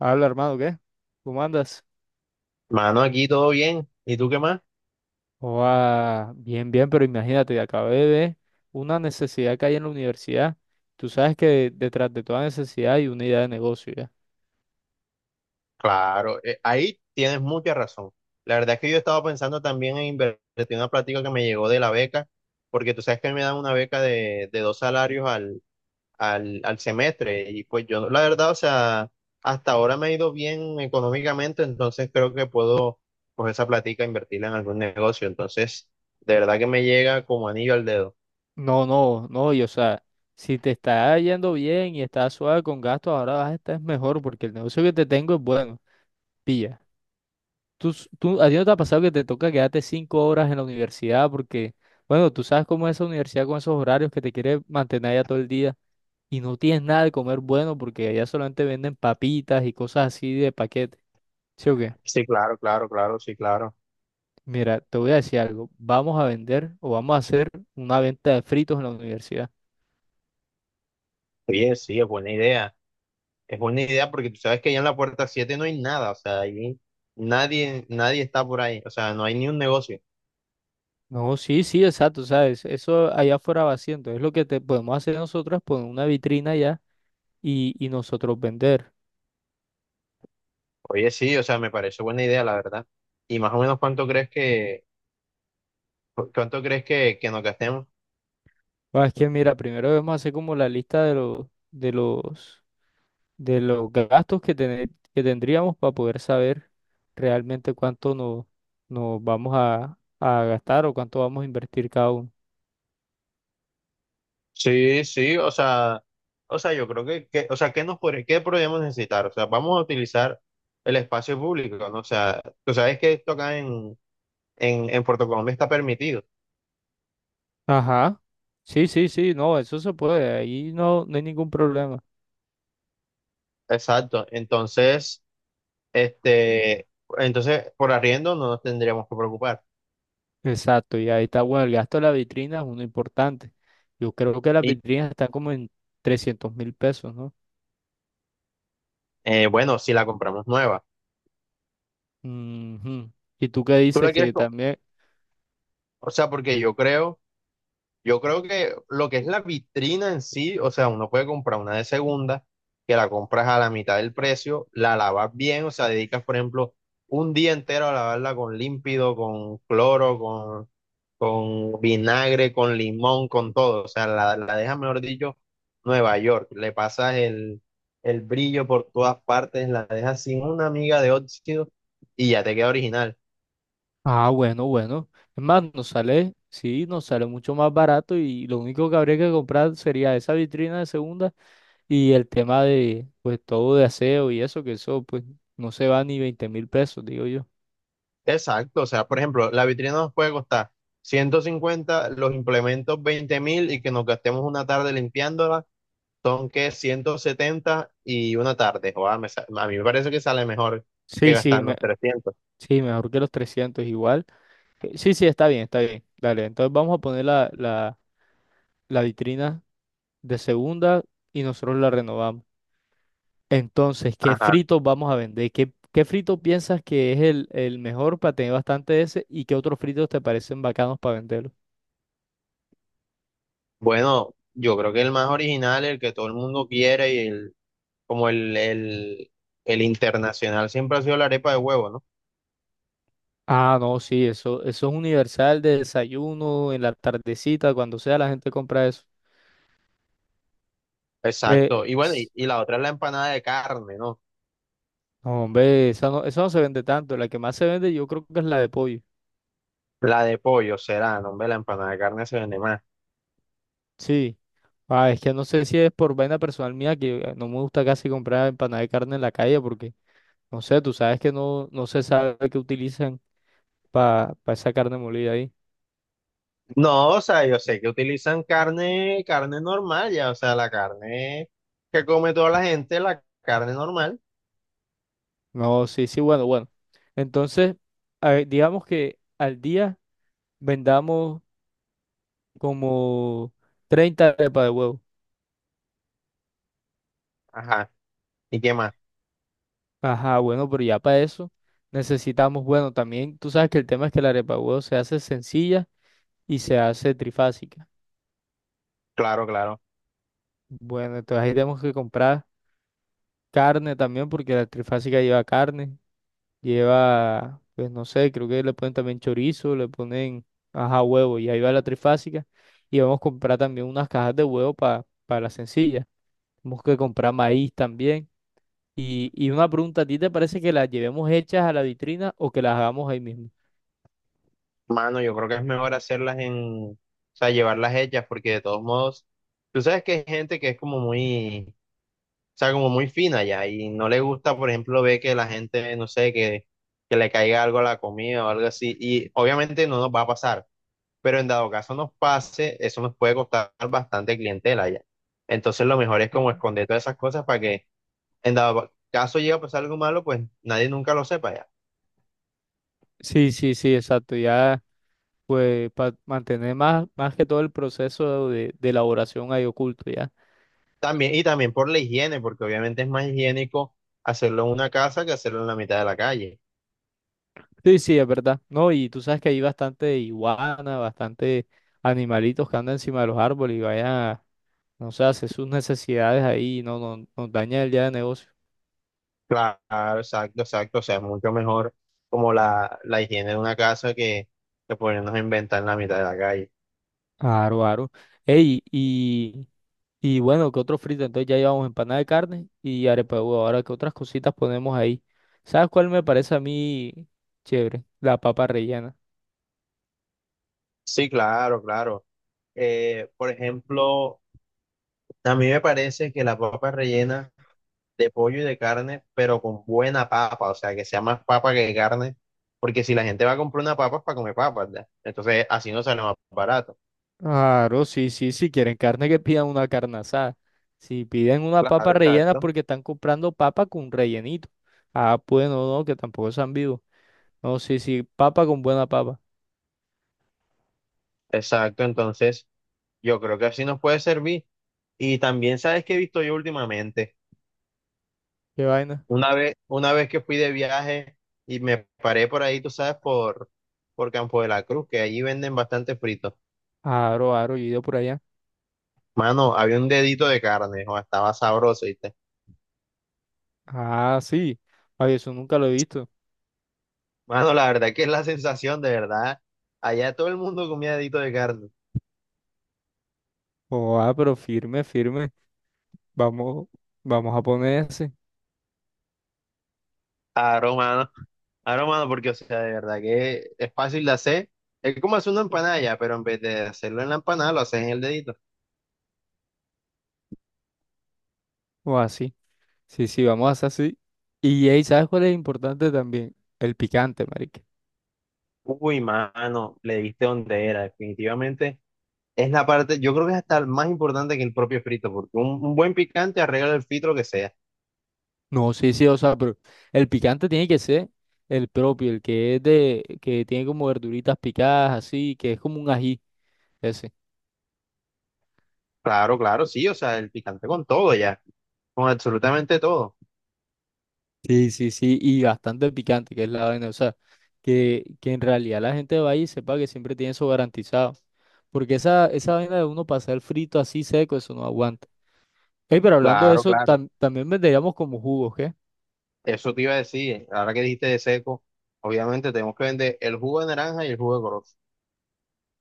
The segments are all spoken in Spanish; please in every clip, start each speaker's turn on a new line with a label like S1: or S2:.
S1: Habla, hermano, ¿qué? ¿Cómo andas?
S2: Mano, aquí todo bien. ¿Y tú qué más?
S1: Oa, bien, bien, pero imagínate, acabé de ver una necesidad que hay en la universidad. Tú sabes que detrás de toda necesidad hay una idea de negocio, ¿ya?
S2: Claro, ahí tienes mucha razón. La verdad es que yo estaba pensando también en invertir en una plática que me llegó de la beca, porque tú sabes que me dan una beca de dos salarios al semestre. Y pues yo, la verdad, o sea, hasta ahora me ha ido bien económicamente, entonces creo que puedo, pues esa plática, e invertirla en algún negocio. Entonces, de verdad que me llega como anillo al dedo.
S1: No, no, no, y o sea, si te está yendo bien y estás suave con gastos, ahora vas a estar mejor porque el negocio que te tengo es bueno. Pilla. Tú, ¿a ti no te ha pasado que te toca quedarte 5 horas en la universidad porque, bueno, tú sabes cómo es esa universidad con esos horarios que te quiere mantener ya todo el día? Y no tienes nada de comer bueno porque allá solamente venden papitas y cosas así de paquete. ¿Sí o qué?
S2: Sí, claro, claro, claro, sí, claro.
S1: Mira, te voy a decir algo. Vamos a vender o vamos a hacer una venta de fritos en la universidad.
S2: Oye, sí, es buena idea. Es buena idea porque tú sabes que allá en la puerta 7 no hay nada, o sea, ahí nadie está por ahí, o sea, no hay ni un negocio.
S1: No, sí, sí, exacto, ¿sabes? Eso allá afuera va haciendo. Es lo que te podemos hacer nosotros, poner una vitrina allá y nosotros vender.
S2: Oye, sí, o sea, me parece buena idea, la verdad. Y más o menos cuánto crees que nos gastemos.
S1: Ah, es que mira, primero debemos hacer como la lista de los, de los gastos que tendríamos para poder saber realmente cuánto nos vamos a gastar o cuánto vamos a invertir cada uno.
S2: Sí, sí, o sea, yo creo o sea, qué podríamos necesitar? O sea, vamos a utilizar el espacio público, ¿no? O sea, tú sabes que esto acá en Puerto Colombia está permitido.
S1: Ajá. Sí, sí, sí, no, eso se puede, ahí no hay ningún problema.
S2: Exacto. Este, entonces, por arriendo no nos tendríamos que preocupar.
S1: Exacto, y ahí está, bueno, el gasto de la vitrina es uno importante. Yo creo que las
S2: Y
S1: vitrinas están como en 300.000 pesos, ¿no?
S2: bueno, si la compramos nueva,
S1: Ujú. ¿Y tú qué
S2: tú la
S1: dices
S2: quieres,
S1: que también?
S2: o sea, porque yo creo. Yo creo que lo que es la vitrina en sí, o sea, uno puede comprar una de segunda, que la compras a la mitad del precio, la lavas bien, o sea, dedicas, por ejemplo, un día entero a lavarla con límpido, con cloro, con vinagre, con limón, con todo. O sea, la dejas, mejor dicho, Nueva York. Le pasas el brillo por todas partes, la dejas sin una miga de óxido y ya te queda original.
S1: Ah, bueno, bueno. Es más, nos sale, sí, nos sale mucho más barato y lo único que habría que comprar sería esa vitrina de segunda y el tema de, pues, todo de aseo y eso, que eso, pues, no se va ni 20.000 pesos, digo yo.
S2: Exacto, o sea, por ejemplo, la vitrina nos puede costar 150, los implementos 20.000, y que nos gastemos una tarde limpiándola, son que 170 y una tarde. Joder, a mí me parece que sale mejor que
S1: Sí, sí,
S2: gastarnos 300.
S1: sí, mejor que los 300 igual. Sí, sí, está bien, está bien. Dale, entonces vamos a poner la vitrina de segunda y nosotros la renovamos. Entonces, ¿qué
S2: Ajá.
S1: fritos vamos a vender? Qué frito piensas que es el mejor para tener bastante de ese? ¿Y qué otros fritos te parecen bacanos para venderlos?
S2: Bueno, yo creo que el más original, el que todo el mundo quiere y el, como el internacional siempre ha sido la arepa de huevo, ¿no?
S1: Ah, no, sí, eso es universal de desayuno, en la tardecita, cuando sea la gente compra eso. Eh,
S2: Exacto, y bueno, y,
S1: s-
S2: y la otra es la empanada de carne, ¿no?
S1: no, hombre, esa no, eso no se vende tanto. La que más se vende yo creo que es la de pollo.
S2: La de pollo será, no, hombre, la empanada de carne se vende más.
S1: Sí. Ah, es que no sé si es por vaina personal mía que no me gusta casi comprar empanada de carne en la calle porque, no sé, tú sabes que no se sabe qué utilizan para esa carne molida ahí.
S2: No, o sea, yo sé que utilizan carne, carne normal, ya, o sea, la carne que come toda la gente, la carne normal.
S1: No, sí, sí, bueno, bueno. Entonces, a ver, digamos que al día vendamos como 30 arepas de huevo.
S2: Ajá. ¿Y qué más?
S1: Ajá, bueno, pero ya para eso necesitamos, bueno, también tú sabes que el tema es que la arepa de huevo se hace sencilla y se hace trifásica.
S2: Claro, claro.
S1: Bueno, entonces ahí tenemos que comprar carne también porque la trifásica lleva carne. Lleva, pues no sé, creo que le ponen también chorizo, le ponen, ajá, huevo. Y ahí va la trifásica. Y vamos a comprar también unas cajas de huevo para la sencilla. Tenemos que comprar maíz también. Y una pregunta, ¿a ti te parece que las llevemos hechas a la vitrina o que las hagamos ahí mismo?
S2: Mano, yo creo que es mejor hacerlas en, o sea, llevarlas hechas, porque de todos modos, tú sabes que hay gente que es como muy, o sea, como muy fina ya, y no le gusta, por ejemplo, ver que la gente, no sé, que le caiga algo a la comida o algo así, y obviamente no nos va a pasar. Pero en dado caso nos pase, eso nos puede costar bastante clientela ya. Entonces lo mejor es como
S1: Ujú.
S2: esconder todas esas cosas para que en dado caso llegue a pasar algo malo, pues nadie nunca lo sepa ya.
S1: Sí, sí, sí, exacto. Ya, pues, para mantener más, más que todo el proceso de elaboración ahí oculto, ya.
S2: También, y también por la higiene, porque obviamente es más higiénico hacerlo en una casa que hacerlo en la mitad de la calle.
S1: Sí, sí, es verdad. No, y tú sabes que hay bastante iguana, bastante animalitos que andan encima de los árboles y vayan a, no sé, a hacer sus necesidades ahí y no, nos daña el día de negocio.
S2: Claro, exacto, exacto. O sea, es mucho mejor como la higiene de una casa que ponernos a inventar en la mitad de la calle.
S1: Aro, aro. Ey, y bueno, ¿qué otro frito? Entonces ya llevamos empanada de carne y arepa de huevo. Ahora, ¿qué otras cositas ponemos ahí? ¿Sabes cuál me parece a mí chévere? La papa rellena.
S2: Sí, claro, claro. Por ejemplo, a mí me parece que la papa rellena de pollo y de carne, pero con buena papa, o sea, que sea más papa que carne, porque si la gente va a comprar una papa es para comer papas, ¿verdad? Entonces, así no sale más barato.
S1: Claro, sí, sí, si quieren carne que pidan una carne asada. Si piden una papa
S2: Claro,
S1: rellena es
S2: exacto.
S1: porque están comprando papa con rellenito. Ah, bueno, no, no, que tampoco sean vivos. No, sí, sí, papa con buena papa.
S2: Exacto, entonces yo creo que así nos puede servir. Y también, ¿sabes qué he visto yo últimamente?
S1: ¿Qué vaina?
S2: Una vez que fui de viaje y me paré por ahí, tú sabes, por Campo de la Cruz, que allí venden bastante frito.
S1: Aro, aro, yo he ido por allá.
S2: Mano, había un dedito de carne, o estaba sabroso. Y
S1: Ah, sí. Ay, eso nunca lo he visto.
S2: mano, la verdad que es la sensación, de verdad. Allá todo el mundo comía dedito de carne.
S1: Oh, ah, pero firme, firme. Vamos, vamos a poner ese.
S2: Aro, mano. Aro, mano, porque, o sea, de verdad que es fácil de hacer. Es como hacer una empanada ya, pero en vez de hacerlo en la empanada, lo haces en el dedito.
S1: O así. Sí, sí, vamos a hacer así. Y ahí, ¿sabes cuál es importante también? El picante, marica.
S2: Uy, mano, le diste donde era. Definitivamente es la parte, yo creo que es hasta más importante que el propio frito, porque un buen picante arregla el frito lo que sea.
S1: No, sí, sí, o sea, pero el picante tiene que ser el propio, el que es de, que tiene como verduritas picadas, así, que es como un ají, ese.
S2: Claro, claro, sí, o sea, el picante con todo ya, con absolutamente todo.
S1: Sí, sí, sí, y bastante picante, que es la vaina, o sea, que en realidad la gente va ahí y sepa que siempre tiene eso garantizado, porque esa vaina de uno pasar el frito así seco, eso no aguanta. Ey, pero hablando de
S2: Claro,
S1: eso,
S2: claro.
S1: también venderíamos como jugos, ¿qué?
S2: Eso te iba a decir, ahora que dijiste de seco, obviamente tenemos que vender el jugo de naranja y el jugo de corozo.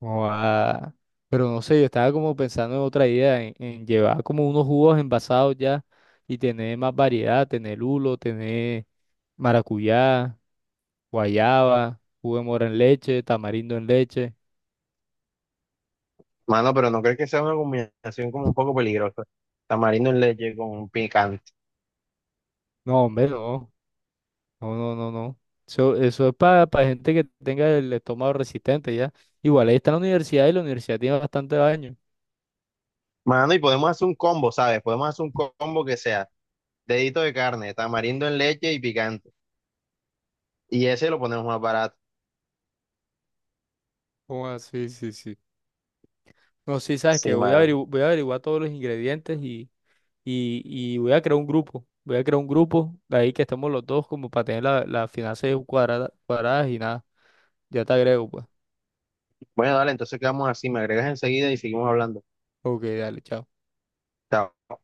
S1: Joda. Pero no sé, yo estaba como pensando en otra idea, en llevar como unos jugos envasados ya y tener más variedad, tener lulo, tener maracuyá, guayaba, jugo de mora en leche, tamarindo en leche.
S2: Mano, pero no crees que sea una combinación como un poco peligrosa. Tamarindo en leche con picante.
S1: No, hombre, no, no, no, no, no. Eso es para gente que tenga el estómago resistente ya. Igual ahí está la universidad y la universidad tiene bastante daño.
S2: Mano, y podemos hacer un combo, ¿sabes? Podemos hacer un combo que sea dedito de carne, tamarindo en leche y picante. Y ese lo ponemos más barato.
S1: Joda, sí, sí, sí. No, sí, sabes
S2: Sí,
S1: que voy a
S2: mano.
S1: voy a averiguar todos los ingredientes y... y voy a crear un grupo. Voy a crear un grupo de ahí que estemos los dos como para tener las finanzas cuadradas y nada. Ya te agrego, pues.
S2: Bueno, dale, entonces quedamos así, me agregas enseguida y seguimos hablando.
S1: Ok, dale, chao.
S2: Chao.